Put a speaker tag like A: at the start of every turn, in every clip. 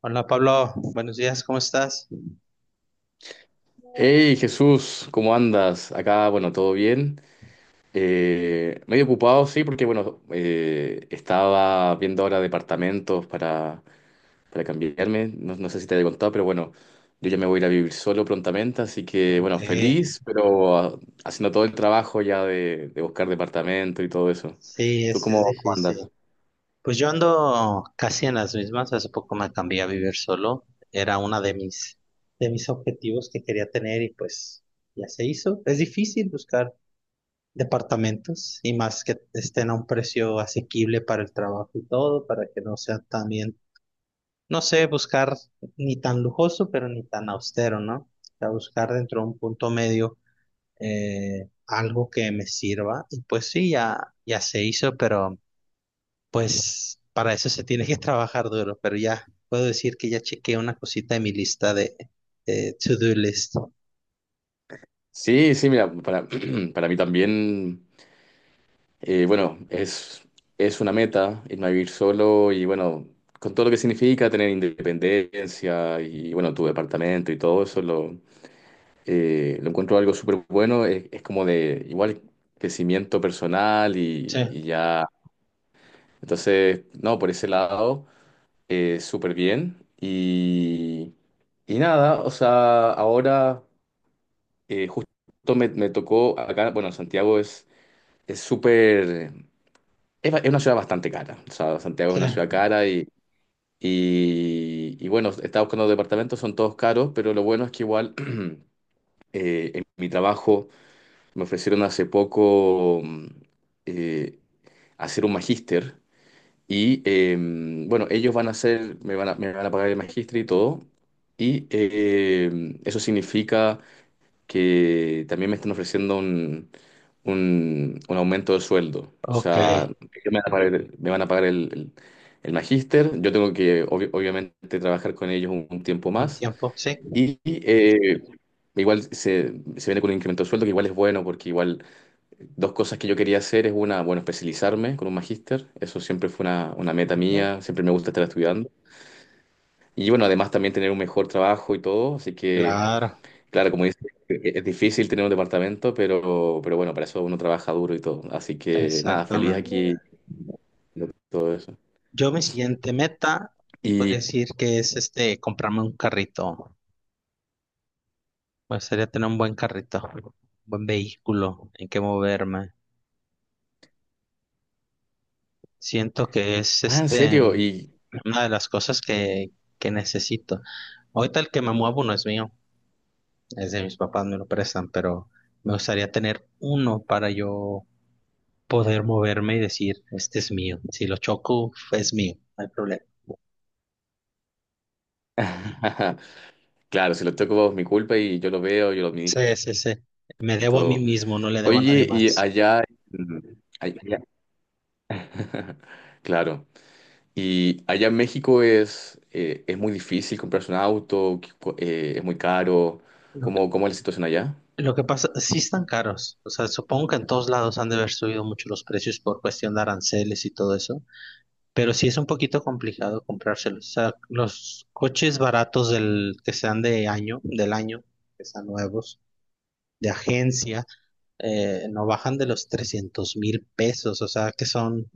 A: Hola Pablo, buenos días, ¿cómo estás?
B: Hey Jesús, ¿cómo andas? Acá, bueno, todo bien. Medio ocupado, sí, porque bueno, estaba viendo ahora departamentos para cambiarme. No sé si te había contado, pero bueno, yo ya me voy a ir a vivir solo prontamente, así que
A: Ok,
B: bueno, feliz, pero haciendo todo el trabajo ya de buscar departamento y todo eso.
A: sí,
B: ¿Tú
A: es
B: cómo
A: difícil.
B: andas?
A: Pues yo ando casi en las mismas, hace poco me cambié a vivir solo, era una de mis objetivos que quería tener y pues ya se hizo. Es difícil buscar departamentos y más que estén a un precio asequible para el trabajo y todo, para que no sea también no sé, buscar ni tan lujoso, pero ni tan austero, ¿no? O sea, buscar dentro de un punto medio algo que me sirva. Y pues sí, ya se hizo, pero pues para eso se tiene que trabajar duro. Pero ya puedo decir que ya chequeé una cosita de mi lista de to-do list.
B: Sí, sí, mira, para, para mí también. Bueno, es una meta irme a vivir solo y bueno, con todo lo que significa tener independencia y bueno, tu departamento y todo eso, lo encuentro algo súper bueno. Es como de igual crecimiento personal
A: Sí,
B: y ya. Entonces, no, por ese lado, súper bien. Y nada, o sea, ahora justo me tocó acá, bueno, Santiago es súper. Es una ciudad bastante cara. O sea, Santiago es
A: sí.
B: una ciudad cara y bueno, estaba buscando departamentos, son todos caros, pero lo bueno es que igual en mi trabajo me ofrecieron hace poco eh, hacer un magíster y bueno, ellos van a hacer, me van a pagar el magíster y todo. Y eso significa que también me están ofreciendo un aumento de sueldo. O
A: Ok.
B: sea, ellos me van a pagar, el, me van a pagar el magíster, yo tengo que obviamente trabajar con ellos un tiempo
A: Un
B: más
A: tiempo, sí.
B: y igual se viene con un incremento de sueldo que igual es bueno porque igual dos cosas que yo quería hacer es una, bueno, especializarme con un magíster, eso siempre fue una meta
A: Ujú.
B: mía, siempre me gusta estar estudiando. Y bueno, además también tener un mejor trabajo y todo, así que
A: Claro,
B: claro, como dices, es difícil tener un departamento, pero bueno, para eso uno trabaja duro y todo. Así que nada, feliz. Sí,
A: exactamente.
B: aquí de todo eso.
A: Yo mi siguiente meta, podría
B: Y,
A: decir que es este, comprarme un carrito. Me gustaría tener un buen carrito, un buen vehículo en que moverme. Siento que es
B: ah, ¿en
A: este
B: serio? Y
A: una de las cosas que necesito. Ahorita el que me muevo no es mío, es de mis papás, me lo prestan, pero me gustaría tener uno para yo poder moverme y decir, este es mío. Si lo choco, es mío, no hay problema.
B: claro, si lo toco es mi culpa y yo lo veo, yo lo
A: Sí,
B: administro
A: sí, sí. Me
B: y
A: debo a mí
B: todo.
A: mismo, no le debo a nadie
B: Oye, y
A: más.
B: allá, mm, ay- allá- claro, y allá en México es muy difícil comprarse un auto, es muy caro. ¿Cómo, cómo es la situación allá?
A: Lo que pasa, sí están caros. O sea, supongo que en todos lados han de haber subido mucho los precios por cuestión de aranceles y todo eso. Pero sí es un poquito complicado comprárselos. O sea, los coches baratos del, que sean de año, del año, que sean nuevos, de agencia, no bajan de los 300,000 pesos. O sea, que son,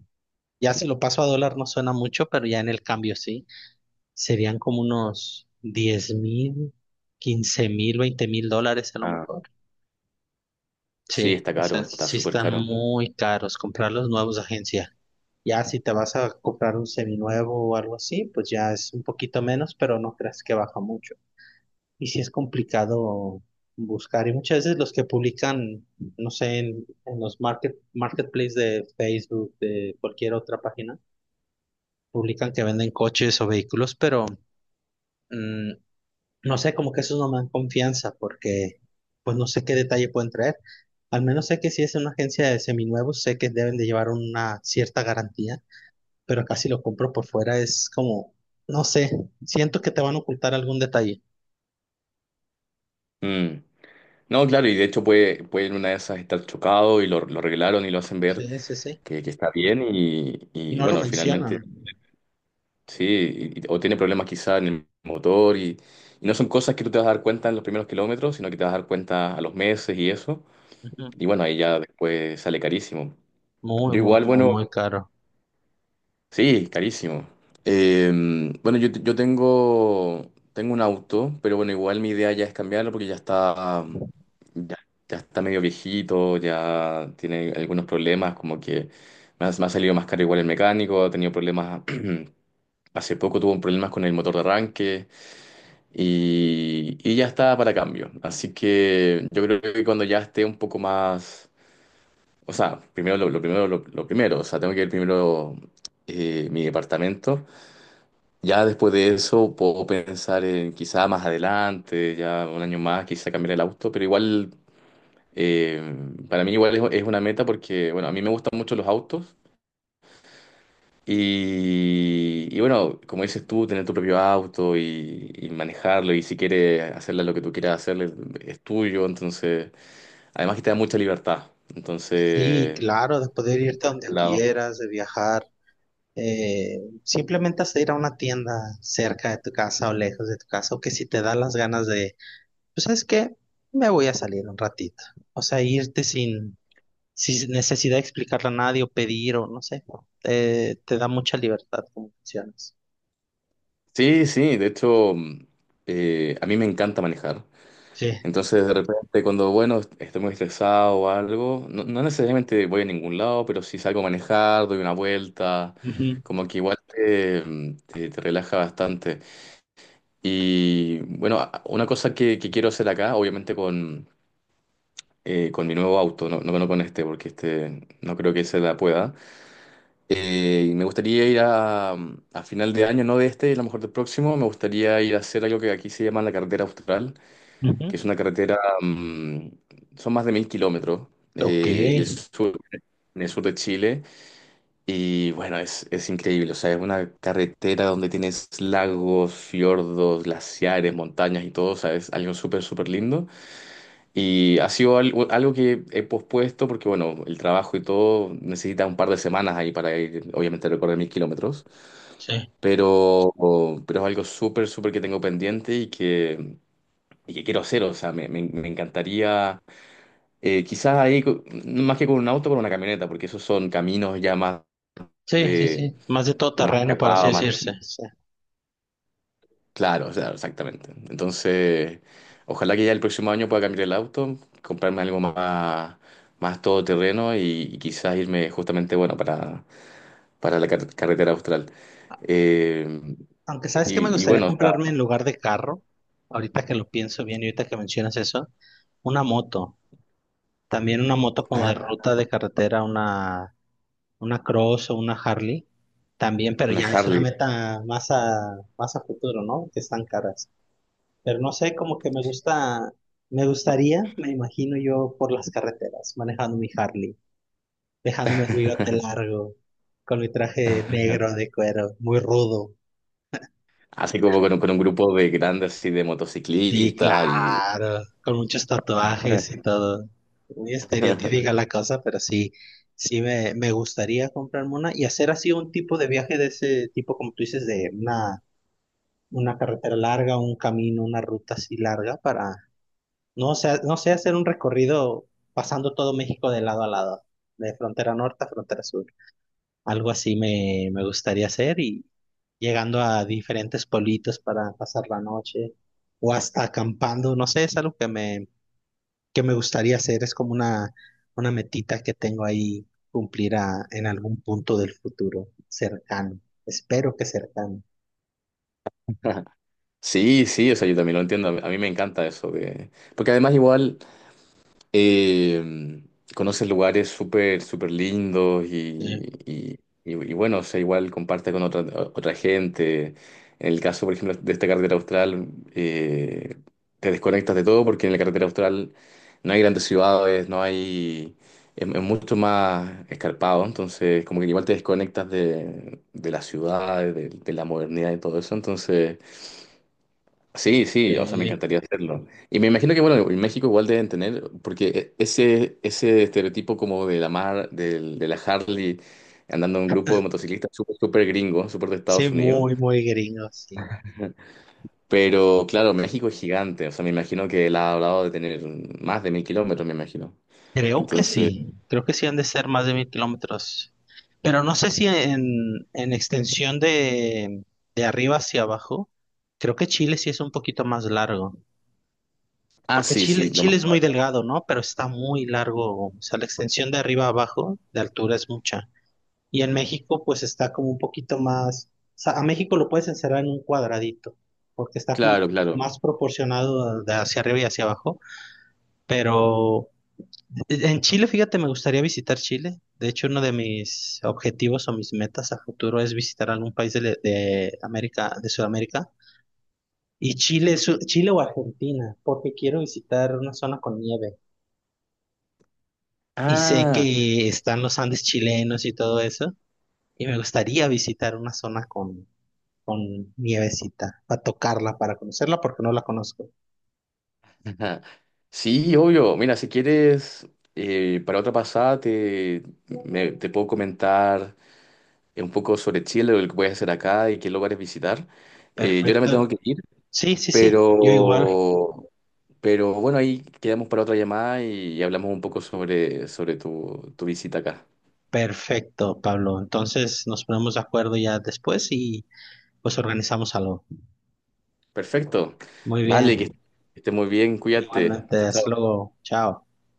A: ya si lo paso a dólar no suena mucho, pero ya en el cambio sí. Serían como unos 10,000, 15,000, 20,000 dólares a lo
B: Ah,
A: mejor.
B: sí,
A: Sí,
B: está
A: o sea,
B: caro, está
A: sí
B: súper
A: están
B: caro.
A: muy caros comprar los nuevos de agencia. Ya si te vas a comprar un seminuevo o algo así, pues ya es un poquito menos, pero no creas que baja mucho. Y sí es complicado buscar. Y muchas veces los que publican, no sé, en los marketplace de Facebook, de cualquier otra página, publican que venden coches o vehículos, pero mm, no sé, como que eso no me dan confianza porque pues no sé qué detalle pueden traer. Al menos sé que si es una agencia de seminuevos, sé que deben de llevar una cierta garantía, pero acá si lo compro por fuera es como, no sé, siento que te van a ocultar algún detalle.
B: Mm. No, claro, y de hecho puede, puede en una de esas estar chocado y lo arreglaron y lo hacen ver
A: Sí, sí, sí.
B: que está bien
A: Y
B: y,
A: no lo
B: bueno, finalmente
A: mencionan.
B: sí, o tiene problemas quizá en el motor y no son cosas que tú te vas a dar cuenta en los primeros kilómetros, sino que te vas a dar cuenta a los meses y eso,
A: Ujú.
B: y bueno, ahí ya después sale carísimo.
A: Muy,
B: Yo
A: muy,
B: igual,
A: muy,
B: bueno,
A: muy caro.
B: sí, carísimo. Eh, bueno, yo, yo tengo, tengo un auto, pero bueno, igual mi idea ya es cambiarlo porque ya está, ya, ya está medio viejito, ya tiene algunos problemas, como que me ha salido más caro igual el mecánico, ha tenido problemas, hace poco tuvo un problemas con el motor de arranque y ya está para cambio. Así que yo creo que cuando ya esté un poco más, o sea, primero lo primero, lo primero, o sea, tengo que ver primero mi departamento. Ya después de eso puedo pensar en quizá más adelante, ya un año más, quizá cambiar el auto, pero igual, eh, para mí igual es una meta porque, bueno, a mí me gustan mucho los autos y bueno, como dices tú, tener tu propio auto y manejarlo y si quieres hacerle lo que tú quieras hacerle, es tuyo, entonces, además que te da mucha libertad,
A: Sí,
B: entonces,
A: claro, de poder irte a
B: por
A: donde
B: ese lado.
A: quieras, de viajar, simplemente hasta ir a una tienda cerca de tu casa o lejos de tu casa, o que si te da las ganas de pues sabes qué, me voy a salir un ratito. O sea, irte sin necesidad de explicarle a nadie o pedir o no sé, te da mucha libertad como funcionas.
B: Sí, sí, de hecho, a mí me encanta manejar.
A: Sí.
B: Entonces, de repente, cuando, bueno, estoy muy estresado o algo, no, no necesariamente voy a ningún lado, pero si salgo a manejar, doy una vuelta,
A: Ujú,
B: como que igual te, te relaja bastante. Y bueno, una cosa que quiero hacer acá, obviamente con mi nuevo auto, no, no, no con este, porque este no creo que se la pueda. Y me gustaría ir a final de año, no de este, a lo mejor del próximo, me gustaría ir a hacer algo que aquí se llama la carretera austral,
A: ujú.
B: que es una carretera, son más de 1000 kilómetros,
A: Ok.
B: y el sur, en el sur de Chile, y bueno, es increíble, o sea, es una carretera donde tienes lagos, fiordos, glaciares, montañas y todo, o sea, es algo súper, súper lindo, y ha sido algo, algo que he pospuesto porque, bueno, el trabajo y todo necesita un par de semanas ahí para ir, obviamente, a recorrer 1000 kilómetros,
A: Sí.
B: pero, pero es algo súper, súper que tengo pendiente y que... y que quiero hacer, o sea, me, me encantaría. Quizás ahí, no, más que con un auto, con una camioneta, porque esos son caminos ya más
A: Sí, sí,
B: de,
A: sí. Más de todo
B: más
A: terreno, para así
B: escarpados, más
A: decirse. Sí.
B: claro, o sea, exactamente. Entonces, ojalá que ya el próximo año pueda cambiar el auto, comprarme algo más, más todoterreno y quizás irme justamente, bueno, para la carretera austral. Eh,
A: Aunque sabes que me
B: y, y
A: gustaría
B: bueno, o sea,
A: comprarme en lugar de carro, ahorita que lo pienso bien y ahorita que mencionas eso, una moto. También una moto como de
B: ah,
A: ruta de carretera, una Cross o una Harley también, pero
B: una
A: ya es una
B: Harley.
A: meta más a futuro, ¿no? Que están caras. Pero no sé, como que me gusta, me gustaría, me imagino yo por las carreteras, manejando mi Harley, dejándome el bigote largo, con mi traje negro de cuero, muy rudo.
B: Así como con, con un grupo de grandes así de
A: Sí,
B: motociclistas y...
A: claro, con muchos tatuajes y todo. Muy estereotípica la cosa, pero sí, sí me gustaría comprarme una y hacer así un tipo de viaje de ese tipo, como tú dices, de una carretera larga, un camino, una ruta así larga para, no sé, no sé, hacer un recorrido pasando todo México de lado a lado, de frontera norte a frontera sur. Algo así me gustaría hacer y llegando a diferentes pueblitos para pasar la noche o hasta acampando, no sé, es algo que me gustaría hacer, es como una metita que tengo ahí cumplir en algún punto del futuro cercano, espero que cercano.
B: Sí, sí, o sea, yo también lo entiendo. A mí me encanta eso. De- Porque además igual eh, conoces lugares súper, súper lindos y,
A: Sí,
B: y bueno, o sea, igual comparte con otra, otra gente. En el caso, por ejemplo, de esta carretera austral, eh, te desconectas de todo porque en la carretera austral no hay grandes ciudades, no hay... es mucho más escarpado, entonces como que igual te desconectas de las ciudades, de la modernidad y todo eso, entonces... sí,
A: Ok.
B: sí, o sea, me encantaría hacerlo. Y me imagino que, bueno, en México igual deben tener, porque ese, ese estereotipo como de la mar, de la Harley, andando en un grupo de motociclistas súper, súper gringo, súper de
A: Sí,
B: Estados Unidos.
A: muy, muy gringo, sí.
B: Pero claro, México es gigante, o sea, me imagino que él ha hablado de tener más de 1000 kilómetros, me imagino.
A: Creo que
B: Entonces,
A: sí, creo que sí han de ser más de 1000 kilómetros. Pero no sé si en extensión de arriba hacia abajo, creo que Chile sí es un poquito más largo.
B: ah,
A: Porque
B: sí,
A: Chile,
B: sí, lo más
A: Chile es muy
B: probable.
A: delgado, ¿no? Pero está muy largo. O sea, la extensión de arriba a abajo de altura es mucha. Y en México, pues está como un poquito más. O sea, a México lo puedes encerrar en un cuadradito, porque está como
B: Claro, claro.
A: más proporcionado de hacia arriba y hacia abajo. Pero en Chile, fíjate, me gustaría visitar Chile. De hecho, uno de mis objetivos o mis metas a futuro es visitar algún país de América, de Sudamérica. Y Chile, es Chile o Argentina, porque quiero visitar una zona con nieve. Y sé
B: Ah,
A: que están los Andes chilenos y todo eso. Y me gustaría visitar una zona con nievecita, para tocarla, para conocerla, porque no la conozco.
B: sí, obvio. Mira, si quieres, para otra pasada te, te puedo comentar un poco sobre Chile, lo que puedes hacer acá y qué lugares visitar. Yo ahora me tengo que
A: Perfecto.
B: ir,
A: Sí, sí, sí, yo igual.
B: pero, pero bueno, ahí quedamos para otra llamada y hablamos un poco sobre, sobre tu, tu visita acá.
A: Perfecto, Pablo. Entonces nos ponemos de acuerdo ya después y... Pues organizamos algo.
B: Perfecto.
A: Muy
B: Vale, que
A: bien.
B: estés muy bien, cuídate.
A: Igualmente,
B: Chao,
A: hasta
B: chao.
A: luego. Chao.